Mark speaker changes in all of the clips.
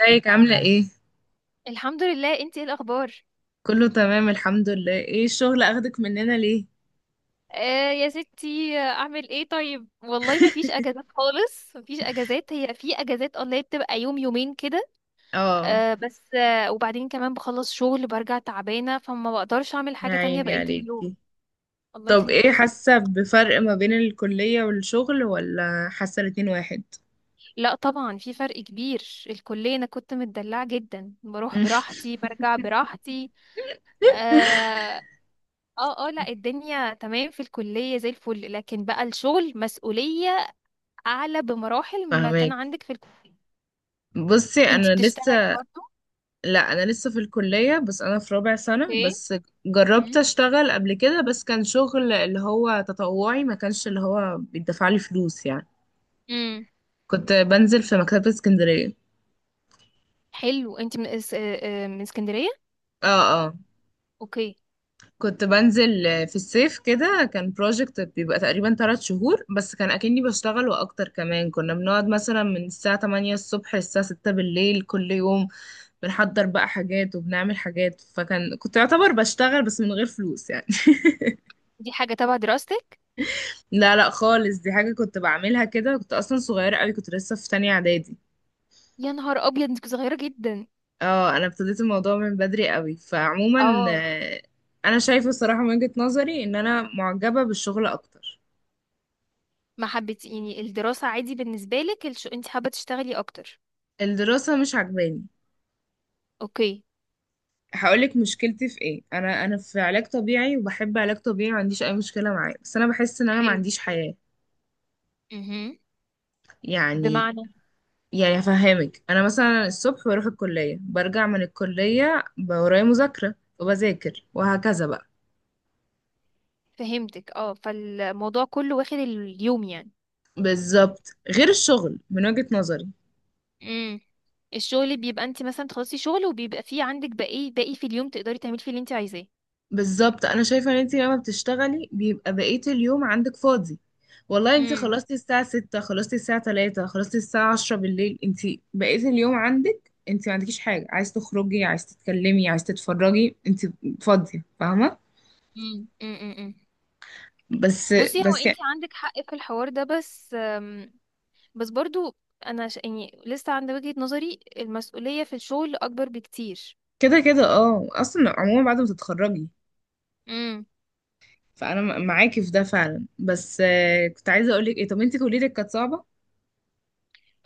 Speaker 1: ازيك عاملة ايه؟
Speaker 2: الحمد لله، انتي ايه الاخبار؟
Speaker 1: كله تمام الحمد لله. ايه الشغل اخدك مننا ليه؟
Speaker 2: آه يا ستي، اعمل ايه؟ طيب والله ما فيش اجازات خالص، ما فيش اجازات. هي في اجازات اونلاين، بتبقى يوم يومين كده.
Speaker 1: اه.
Speaker 2: آه، بس وبعدين كمان بخلص شغل برجع تعبانه، فما بقدرش اعمل
Speaker 1: يا
Speaker 2: حاجه تانية
Speaker 1: عيني
Speaker 2: بقيه اليوم.
Speaker 1: عليكي.
Speaker 2: الله
Speaker 1: طب ايه
Speaker 2: يخليكي.
Speaker 1: حاسة بفرق ما بين الكلية والشغل ولا حاسة الاتنين واحد؟
Speaker 2: لا طبعا، في فرق كبير. الكليه انا كنت متدلعه جدا، بروح براحتي برجع براحتي. اه. اه. لا، الدنيا تمام في الكليه زي الفل، لكن بقى الشغل مسؤوليه اعلى بمراحل مما كان
Speaker 1: فهماك.
Speaker 2: عندك في الكليه.
Speaker 1: بصي
Speaker 2: انت
Speaker 1: انا
Speaker 2: بتشتغلي
Speaker 1: لسه
Speaker 2: برضو؟
Speaker 1: لا، انا لسه في الكلية، بس انا في رابع سنة
Speaker 2: اوكي.
Speaker 1: بس. جربت
Speaker 2: امم.
Speaker 1: اشتغل قبل كده، بس كان شغل اللي هو تطوعي، ما كانش اللي هو بيدفع لي فلوس يعني.
Speaker 2: امم.
Speaker 1: كنت بنزل في مكتبة اسكندرية.
Speaker 2: حلو، انت من اس... آه، آه، من اسكندريه.
Speaker 1: اه اه.
Speaker 2: اوكي.
Speaker 1: كنت بنزل في الصيف كده، كان بروجكت بيبقى تقريبا 3 شهور، بس كان أكني بشتغل وأكتر، كمان كنا بنقعد مثلا من الساعة 8 الصبح للساعة 6 بالليل كل يوم. بنحضر بقى حاجات وبنعمل حاجات، فكان كنت أعتبر بشتغل بس من غير فلوس يعني.
Speaker 2: دي حاجه تبع دراستك؟
Speaker 1: لا لا خالص، دي حاجة كنت بعملها كده، كنت أصلا صغيرة قوي، كنت لسه في تانية إعدادي.
Speaker 2: يا نهار ابيض، انت صغيره جدا.
Speaker 1: اه، أنا ابتديت الموضوع من بدري قوي، فعموما
Speaker 2: اه.
Speaker 1: أنا شايفة الصراحة من وجهة نظري إن أنا معجبة بالشغل أكتر.
Speaker 2: ما حبيتي يعني الدراسه؟ عادي بالنسبه لك انت حابه تشتغلي اكتر؟
Speaker 1: الدراسة مش عجباني.
Speaker 2: اوكي.
Speaker 1: هقولك مشكلتي في ايه. انا في علاج طبيعي، وبحب علاج طبيعي، ما عنديش اي مشكله معاه، بس انا بحس ان انا ما
Speaker 2: حلو.
Speaker 1: عنديش حياه
Speaker 2: امم.
Speaker 1: يعني.
Speaker 2: بمعنى؟
Speaker 1: يعني هفهمك، انا مثلا الصبح بروح الكليه، برجع من الكليه، بقى ورايا مذاكره، وبذاكر وهكذا بقى.
Speaker 2: فهمتك، اه، فالموضوع كله واخد اليوم يعني.
Speaker 1: بالظبط، غير الشغل من وجهه نظري.
Speaker 2: امم. الشغل بيبقى انت مثلا تخلصي شغل وبيبقى فيه عندك باقي في اليوم تقدري تعملي فيه اللي انت عايزاه.
Speaker 1: بالظبط، انا شايفه ان انت لما بتشتغلي بيبقى بقيه اليوم عندك فاضي. والله انت
Speaker 2: مم.
Speaker 1: خلصتي الساعه 6، خلصتي الساعه 3، خلصتي الساعه 10 بالليل، انت بقيه اليوم عندك. انت ما عندكيش حاجه، عايز تخرجي عايز تتكلمي عايز تتفرجي، انت فاضيه، فاهمه.
Speaker 2: مم. مم. مم. مم.
Speaker 1: بس
Speaker 2: بصي، هو
Speaker 1: بس
Speaker 2: انت
Speaker 1: يعني
Speaker 2: عندك حق في الحوار ده، بس بس برضو يعني لسه عند وجهة نظري المسؤولية في الشغل اكبر بكتير.
Speaker 1: كده كده، اه، اصلا عموما بعد ما تتخرجي.
Speaker 2: امم.
Speaker 1: فانا معاكي في ده فعلا، بس كنت عايزه اقول لك ايه، طب انت كليتك كانت صعبه؟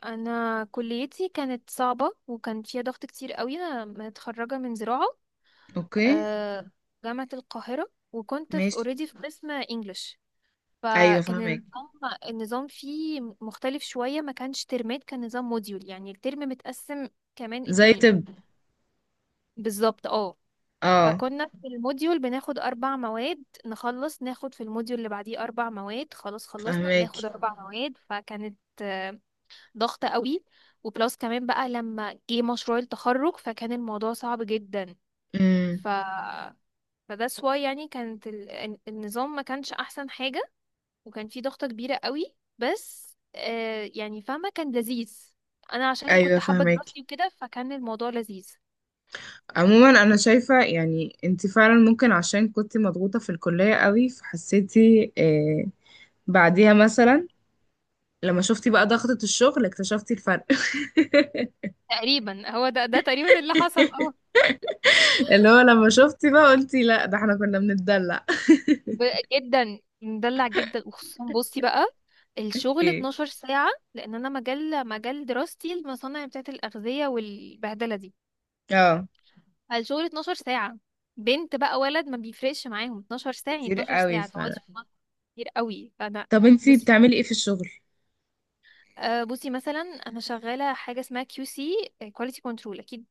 Speaker 2: انا كليتي كانت صعبة وكان فيها ضغط كتير قوي، انا متخرجة من زراعة،
Speaker 1: اوكي.
Speaker 2: آه، جامعة القاهرة، وكنت في
Speaker 1: ماشي.
Speaker 2: اوريدي في قسم انجلش.
Speaker 1: ايوه
Speaker 2: فكان
Speaker 1: فاهمك.
Speaker 2: النظام فيه مختلف شوية، ما كانش ترمات، كان نظام موديول، يعني الترم متقسم كمان
Speaker 1: زي
Speaker 2: اتنين.
Speaker 1: طب.
Speaker 2: بالظبط، اه.
Speaker 1: اه.
Speaker 2: فكنا في الموديول بناخد أربع مواد، نخلص ناخد في الموديول اللي بعديه أربع مواد، خلاص خلصنا
Speaker 1: فاهمك.
Speaker 2: ناخد أربع مواد، فكانت ضغطة قوي. وبلس كمان بقى لما جه مشروع التخرج، فكان الموضوع صعب جدا. ف فده سوا، يعني كانت النظام ما كانش أحسن حاجة، وكان فيه ضغطة كبيرة قوي، بس يعني فاهمة، كان لذيذ. أنا عشان
Speaker 1: ايوه
Speaker 2: كنت حابة
Speaker 1: فاهمك.
Speaker 2: دراستي وكده، فكان الموضوع لذيذ.
Speaker 1: عموما انا شايفه يعني انت فعلا ممكن عشان كنت مضغوطه في الكليه قوي فحسيتي بعديها، مثلا لما شفتي بقى ضغطه الشغل اكتشفتي الفرق.
Speaker 2: تقريبا هو ده تقريبا اللي حصل.
Speaker 1: اللي هو لما شفتي بقى قلتي لا، ده احنا كنا بنتدلع.
Speaker 2: جدا، مدلع جدا. وخصوصا بصي بقى، الشغل
Speaker 1: ايه.
Speaker 2: 12 ساعة، لأن أنا مجال دراستي المصانع بتاعة الأغذية والبهدلة دي.
Speaker 1: اه.
Speaker 2: فالشغل 12 ساعة، بنت بقى ولد ما بيفرقش معاهم، 12 ساعة، يعني
Speaker 1: كتير
Speaker 2: 12
Speaker 1: قوي
Speaker 2: ساعة تقعدي
Speaker 1: فعلا.
Speaker 2: في المطبخ. كتير قوي، فأنا،
Speaker 1: طب انت
Speaker 2: بصي،
Speaker 1: بتعملي ايه في الشغل؟
Speaker 2: بصي مثلا، أنا شغالة حاجة اسمها كيو سي، كواليتي كنترول، أكيد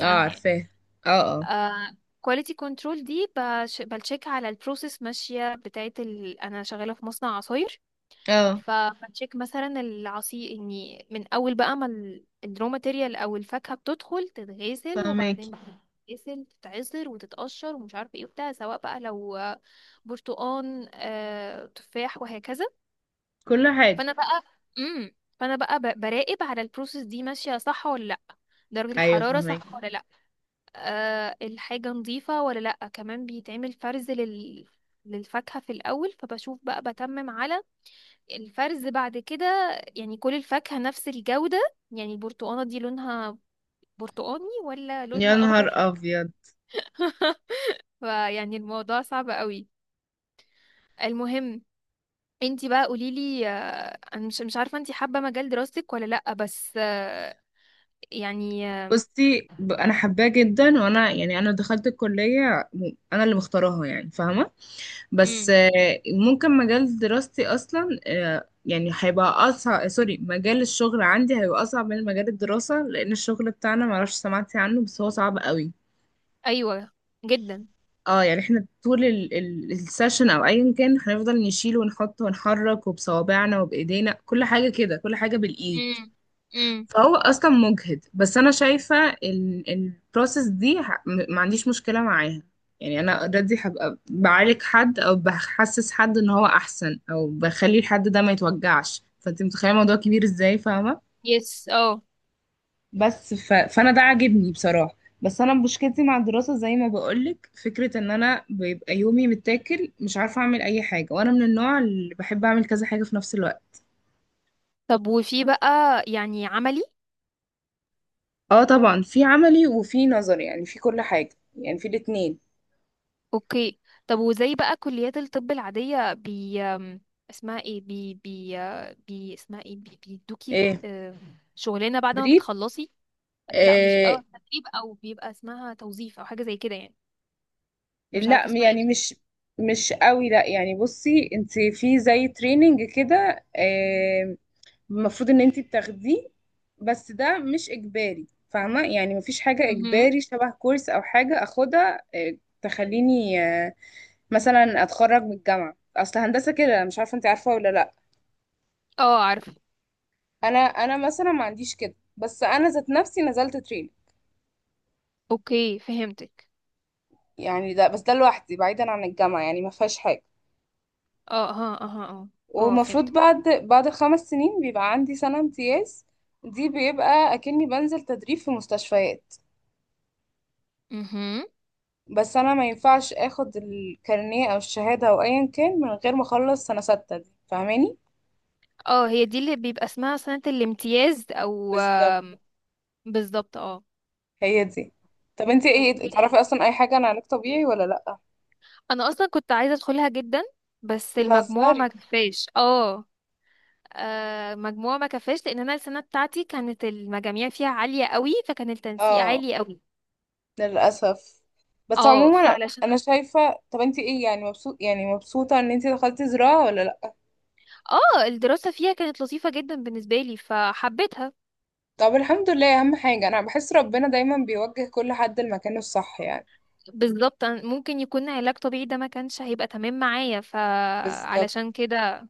Speaker 1: اه
Speaker 2: عنها يعني.
Speaker 1: عارفاه. اه. اه.
Speaker 2: آه، كواليتي كنترول دي بتشيك على البروسيس ماشية بتاعة أنا شغالة في مصنع عصاير،
Speaker 1: اه
Speaker 2: فبتشيك مثلا العصير، اني من اول بقى ما الرو ماتيريال او الفاكهه بتدخل تتغسل،
Speaker 1: فاهمك.
Speaker 2: وبعدين بتتغسل تتعصر وتتقشر ومش عارفه ايه وبتاع، سواء بقى لو برتقان تفاح وهكذا.
Speaker 1: كل حاجه.
Speaker 2: فانا بقى، فانا بقى براقب على البروسيس دي ماشيه صح ولا لا، درجه
Speaker 1: ايوه
Speaker 2: الحراره
Speaker 1: فاهمك.
Speaker 2: صح ولا لا، أه، الحاجه نظيفه ولا لا. كمان بيتعمل فرز للفاكهه في الاول، فبشوف بقى بتمم على الفرز، بعد كده يعني كل الفاكهة نفس الجودة، يعني البرتقانة دي لونها برتقاني ولا
Speaker 1: يا
Speaker 2: لونها
Speaker 1: نهار
Speaker 2: أخضر.
Speaker 1: ابيض.
Speaker 2: فيعني الموضوع صعب قوي. المهم، انتي بقى قوليلي، انا مش عارفة انتي حابة مجال دراستك ولا لأ، بس يعني
Speaker 1: بصي، انا حباه جدا، وانا يعني انا دخلت الكليه، انا اللي مختاراها يعني، فاهمه. بس
Speaker 2: امم.
Speaker 1: ممكن مجال دراستي اصلا يعني هيبقى اصعب، سوري، مجال الشغل عندي هيبقى اصعب من مجال الدراسه، لان الشغل بتاعنا معرفش سمعتي عنه، بس هو صعب قوي.
Speaker 2: ايوه، جدا.
Speaker 1: اه يعني احنا طول السيشن او ايا كان، هنفضل نشيل ونحط ونحرك، وبصوابعنا وبايدينا كل حاجه كده، كل حاجه بالايد.
Speaker 2: امم. امم.
Speaker 1: فهو اصلا مجهد. بس انا شايفه البروسيس دي ما عنديش مشكله معاها. يعني انا اوريدي هبقى بعالج حد، او بحسس حد ان هو احسن، او بخلي الحد ده ما يتوجعش، فانت متخيله الموضوع كبير ازاي، فاهمه.
Speaker 2: يس، اه.
Speaker 1: بس فانا ده عاجبني بصراحه. بس انا مشكلتي مع الدراسه زي ما بقولك، فكره ان انا بيبقى يومي متاكل، مش عارفه اعمل اي حاجه، وانا من النوع اللي بحب اعمل كذا حاجه في نفس الوقت.
Speaker 2: طب وفي بقى يعني عملي؟
Speaker 1: اه طبعا، في عملي وفي نظري، يعني في كل حاجه، يعني في الاتنين.
Speaker 2: اوكي. طب وزي بقى كليات الطب العادية بي أم، اسمها ايه، بي بي آه، بي اسمها ايه بي بيدوكي،
Speaker 1: إيه؟
Speaker 2: شغلانة بعد ما
Speaker 1: مدريد.
Speaker 2: بتخلصي؟ لا مش،
Speaker 1: آه.
Speaker 2: اه، تدريب، او بيبقى اسمها توظيف، او حاجة زي كده يعني. مش
Speaker 1: لا
Speaker 2: عارفة اسمها ايه
Speaker 1: يعني
Speaker 2: بصراحة.
Speaker 1: مش. مش قوي، لا يعني بصي، انت في زي تريننج كده. المفروض ان انت بتاخديه، بس ده مش اجباري، فاهمه؟ يعني مفيش حاجه
Speaker 2: مهم.
Speaker 1: اجباري، شبه كورس او حاجه اخدها تخليني مثلا اتخرج من الجامعه، اصل هندسه كده، مش عارفه انت عارفه ولا لا.
Speaker 2: اه، عارفة.
Speaker 1: انا مثلا ما عنديش كده، بس انا ذات نفسي نزلت تريننج.
Speaker 2: اوكي، فهمتك.
Speaker 1: يعني ده، بس ده لوحدي بعيدا عن الجامعه، يعني ما فيهاش حاجه.
Speaker 2: اه. ها. اه. اه. اه،
Speaker 1: ومفروض
Speaker 2: فهمت.
Speaker 1: بعد الخمس سنين بيبقى عندي سنة امتياز. دي بيبقى أكني بنزل تدريب في مستشفيات،
Speaker 2: مهم.
Speaker 1: بس أنا ما ينفعش أخد الكارنيه أو الشهادة أو أيا كان من غير ما أخلص سنة ستة دي، فاهماني؟
Speaker 2: اه، هي دي اللي بيبقى اسمها سنة الامتياز او
Speaker 1: بالظبط.
Speaker 2: آم، بالظبط، اه.
Speaker 1: هي دي. طب انتي ايه تعرفي
Speaker 2: اوكي.
Speaker 1: أصلا أي حاجة عن علاج طبيعي ولا لأ؟
Speaker 2: انا اصلا كنت عايزه ادخلها جدا، بس المجموع ما
Speaker 1: بتهزري.
Speaker 2: كفاش، اه. مجموع ما كفاش، لان انا السنه بتاعتي كانت المجاميع فيها عاليه قوي، فكان التنسيق
Speaker 1: اه.
Speaker 2: عالي قوي.
Speaker 1: للأسف. بس
Speaker 2: اه،
Speaker 1: عموما
Speaker 2: فعلشان،
Speaker 1: أنا شايفة، طب انتي ايه يعني، مبسوط يعني مبسوطة إن انتي دخلتي زراعة ولا لأ؟
Speaker 2: اه، الدراسه فيها كانت لطيفه جدا بالنسبه لي فحبيتها.
Speaker 1: طب الحمد لله، اهم حاجة، انا بحس ربنا دايما بيوجه كل حد لمكانه الصح يعني.
Speaker 2: بالظبط، أنا ممكن يكون علاج طبيعي ده ما كانش هيبقى تمام معايا،
Speaker 1: بالظبط.
Speaker 2: فعلشان كده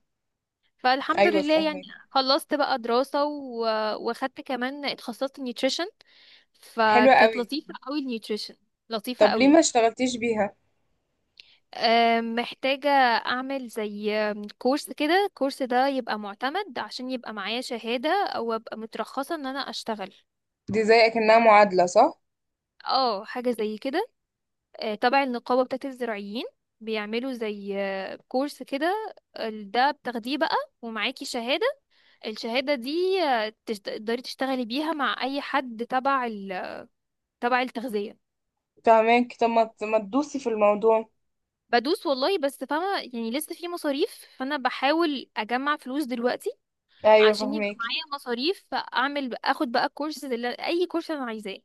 Speaker 2: فالحمد
Speaker 1: ايوه
Speaker 2: لله يعني.
Speaker 1: فاهمك.
Speaker 2: خلصت بقى دراسه. وخدت كمان، اتخصصت نيوتريشن،
Speaker 1: حلوة
Speaker 2: فكانت
Speaker 1: قوي.
Speaker 2: لطيفه قوي النيوتريشن، لطيفه
Speaker 1: طب ليه ما
Speaker 2: قوي.
Speaker 1: اشتغلتيش بيها؟
Speaker 2: محتاجة أعمل زي كورس كده، الكورس ده يبقى معتمد عشان يبقى معايا شهادة أو أبقى مترخصة إن أنا أشتغل.
Speaker 1: دي زي اكنها معادلة صح.
Speaker 2: اه، حاجة زي كده، تبع النقابة بتاعت الزراعيين، بيعملوا زي كورس كده، ده بتاخديه بقى ومعاكي شهادة. الشهادة دي، تقدري تشتغلي بيها مع أي حد تبع التغذية.
Speaker 1: فاهمك. طب ما تدوسي في الموضوع.
Speaker 2: بدوس والله، بس فاهمة يعني لسه في مصاريف، فأنا بحاول أجمع فلوس دلوقتي
Speaker 1: ايوه
Speaker 2: عشان يبقى
Speaker 1: فاهمك.
Speaker 2: معايا مصاريف، اعمل اخد بقى كورس، اللي اي كورس انا عايزاه.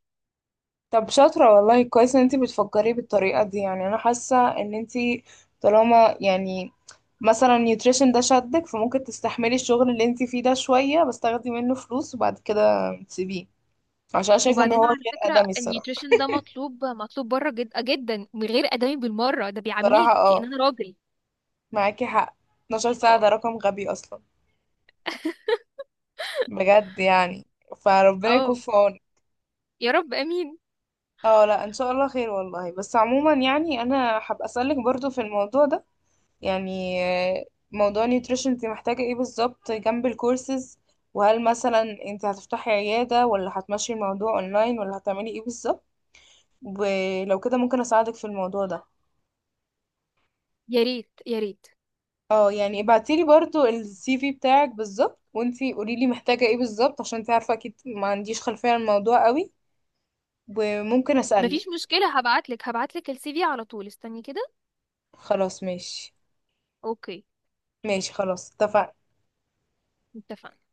Speaker 1: طب شاطرة والله، كويس ان انتي بتفكري بالطريقة دي يعني، انا حاسة ان انتي، طالما يعني مثلا نيوتريشن ده شدك، فممكن تستحملي الشغل اللي انتي فيه ده شوية، بس تاخدي منه فلوس وبعد كده تسيبيه. عشان أنا شايفة ان
Speaker 2: وبعدين
Speaker 1: هو غير
Speaker 2: على فكره
Speaker 1: ادمي الصراحة.
Speaker 2: النيوتريشن ده مطلوب، مطلوب بره جدا جدا، من غير ادمي بالمره، ده
Speaker 1: بصراحة
Speaker 2: بيعاملوني كأن
Speaker 1: اه،
Speaker 2: انا راجل.
Speaker 1: معاكي حق. 12 ساعة ده
Speaker 2: اه.
Speaker 1: رقم غبي اصلا، بجد يعني. فربنا يكون
Speaker 2: اه.
Speaker 1: في عونك.
Speaker 2: يا رب، امين.
Speaker 1: اه لا ان شاء الله خير والله. بس عموما يعني انا هبقى اسألك برضو في الموضوع ده، يعني موضوع نيوتريشن، انت محتاجة ايه بالظبط جنب الكورسز، وهل مثلا انت هتفتحي عيادة ولا هتمشي الموضوع اونلاين ولا هتعملي ايه بالظبط. ولو كده ممكن اساعدك في الموضوع ده.
Speaker 2: يا ريت، يا ريت.
Speaker 1: اه يعني ابعتيلي برضو السي في بتاعك بالظبط، وانتي قوليلي محتاجة ايه بالظبط، عشان انتي عارفة اكيد ما عنديش خلفية عن الموضوع قوي. وممكن اسألك.
Speaker 2: مفيش مشكله، هبعتلك السي في على طول، استني كده.
Speaker 1: خلاص ماشي.
Speaker 2: اوكي.
Speaker 1: ماشي خلاص اتفقنا.
Speaker 2: اتفقنا.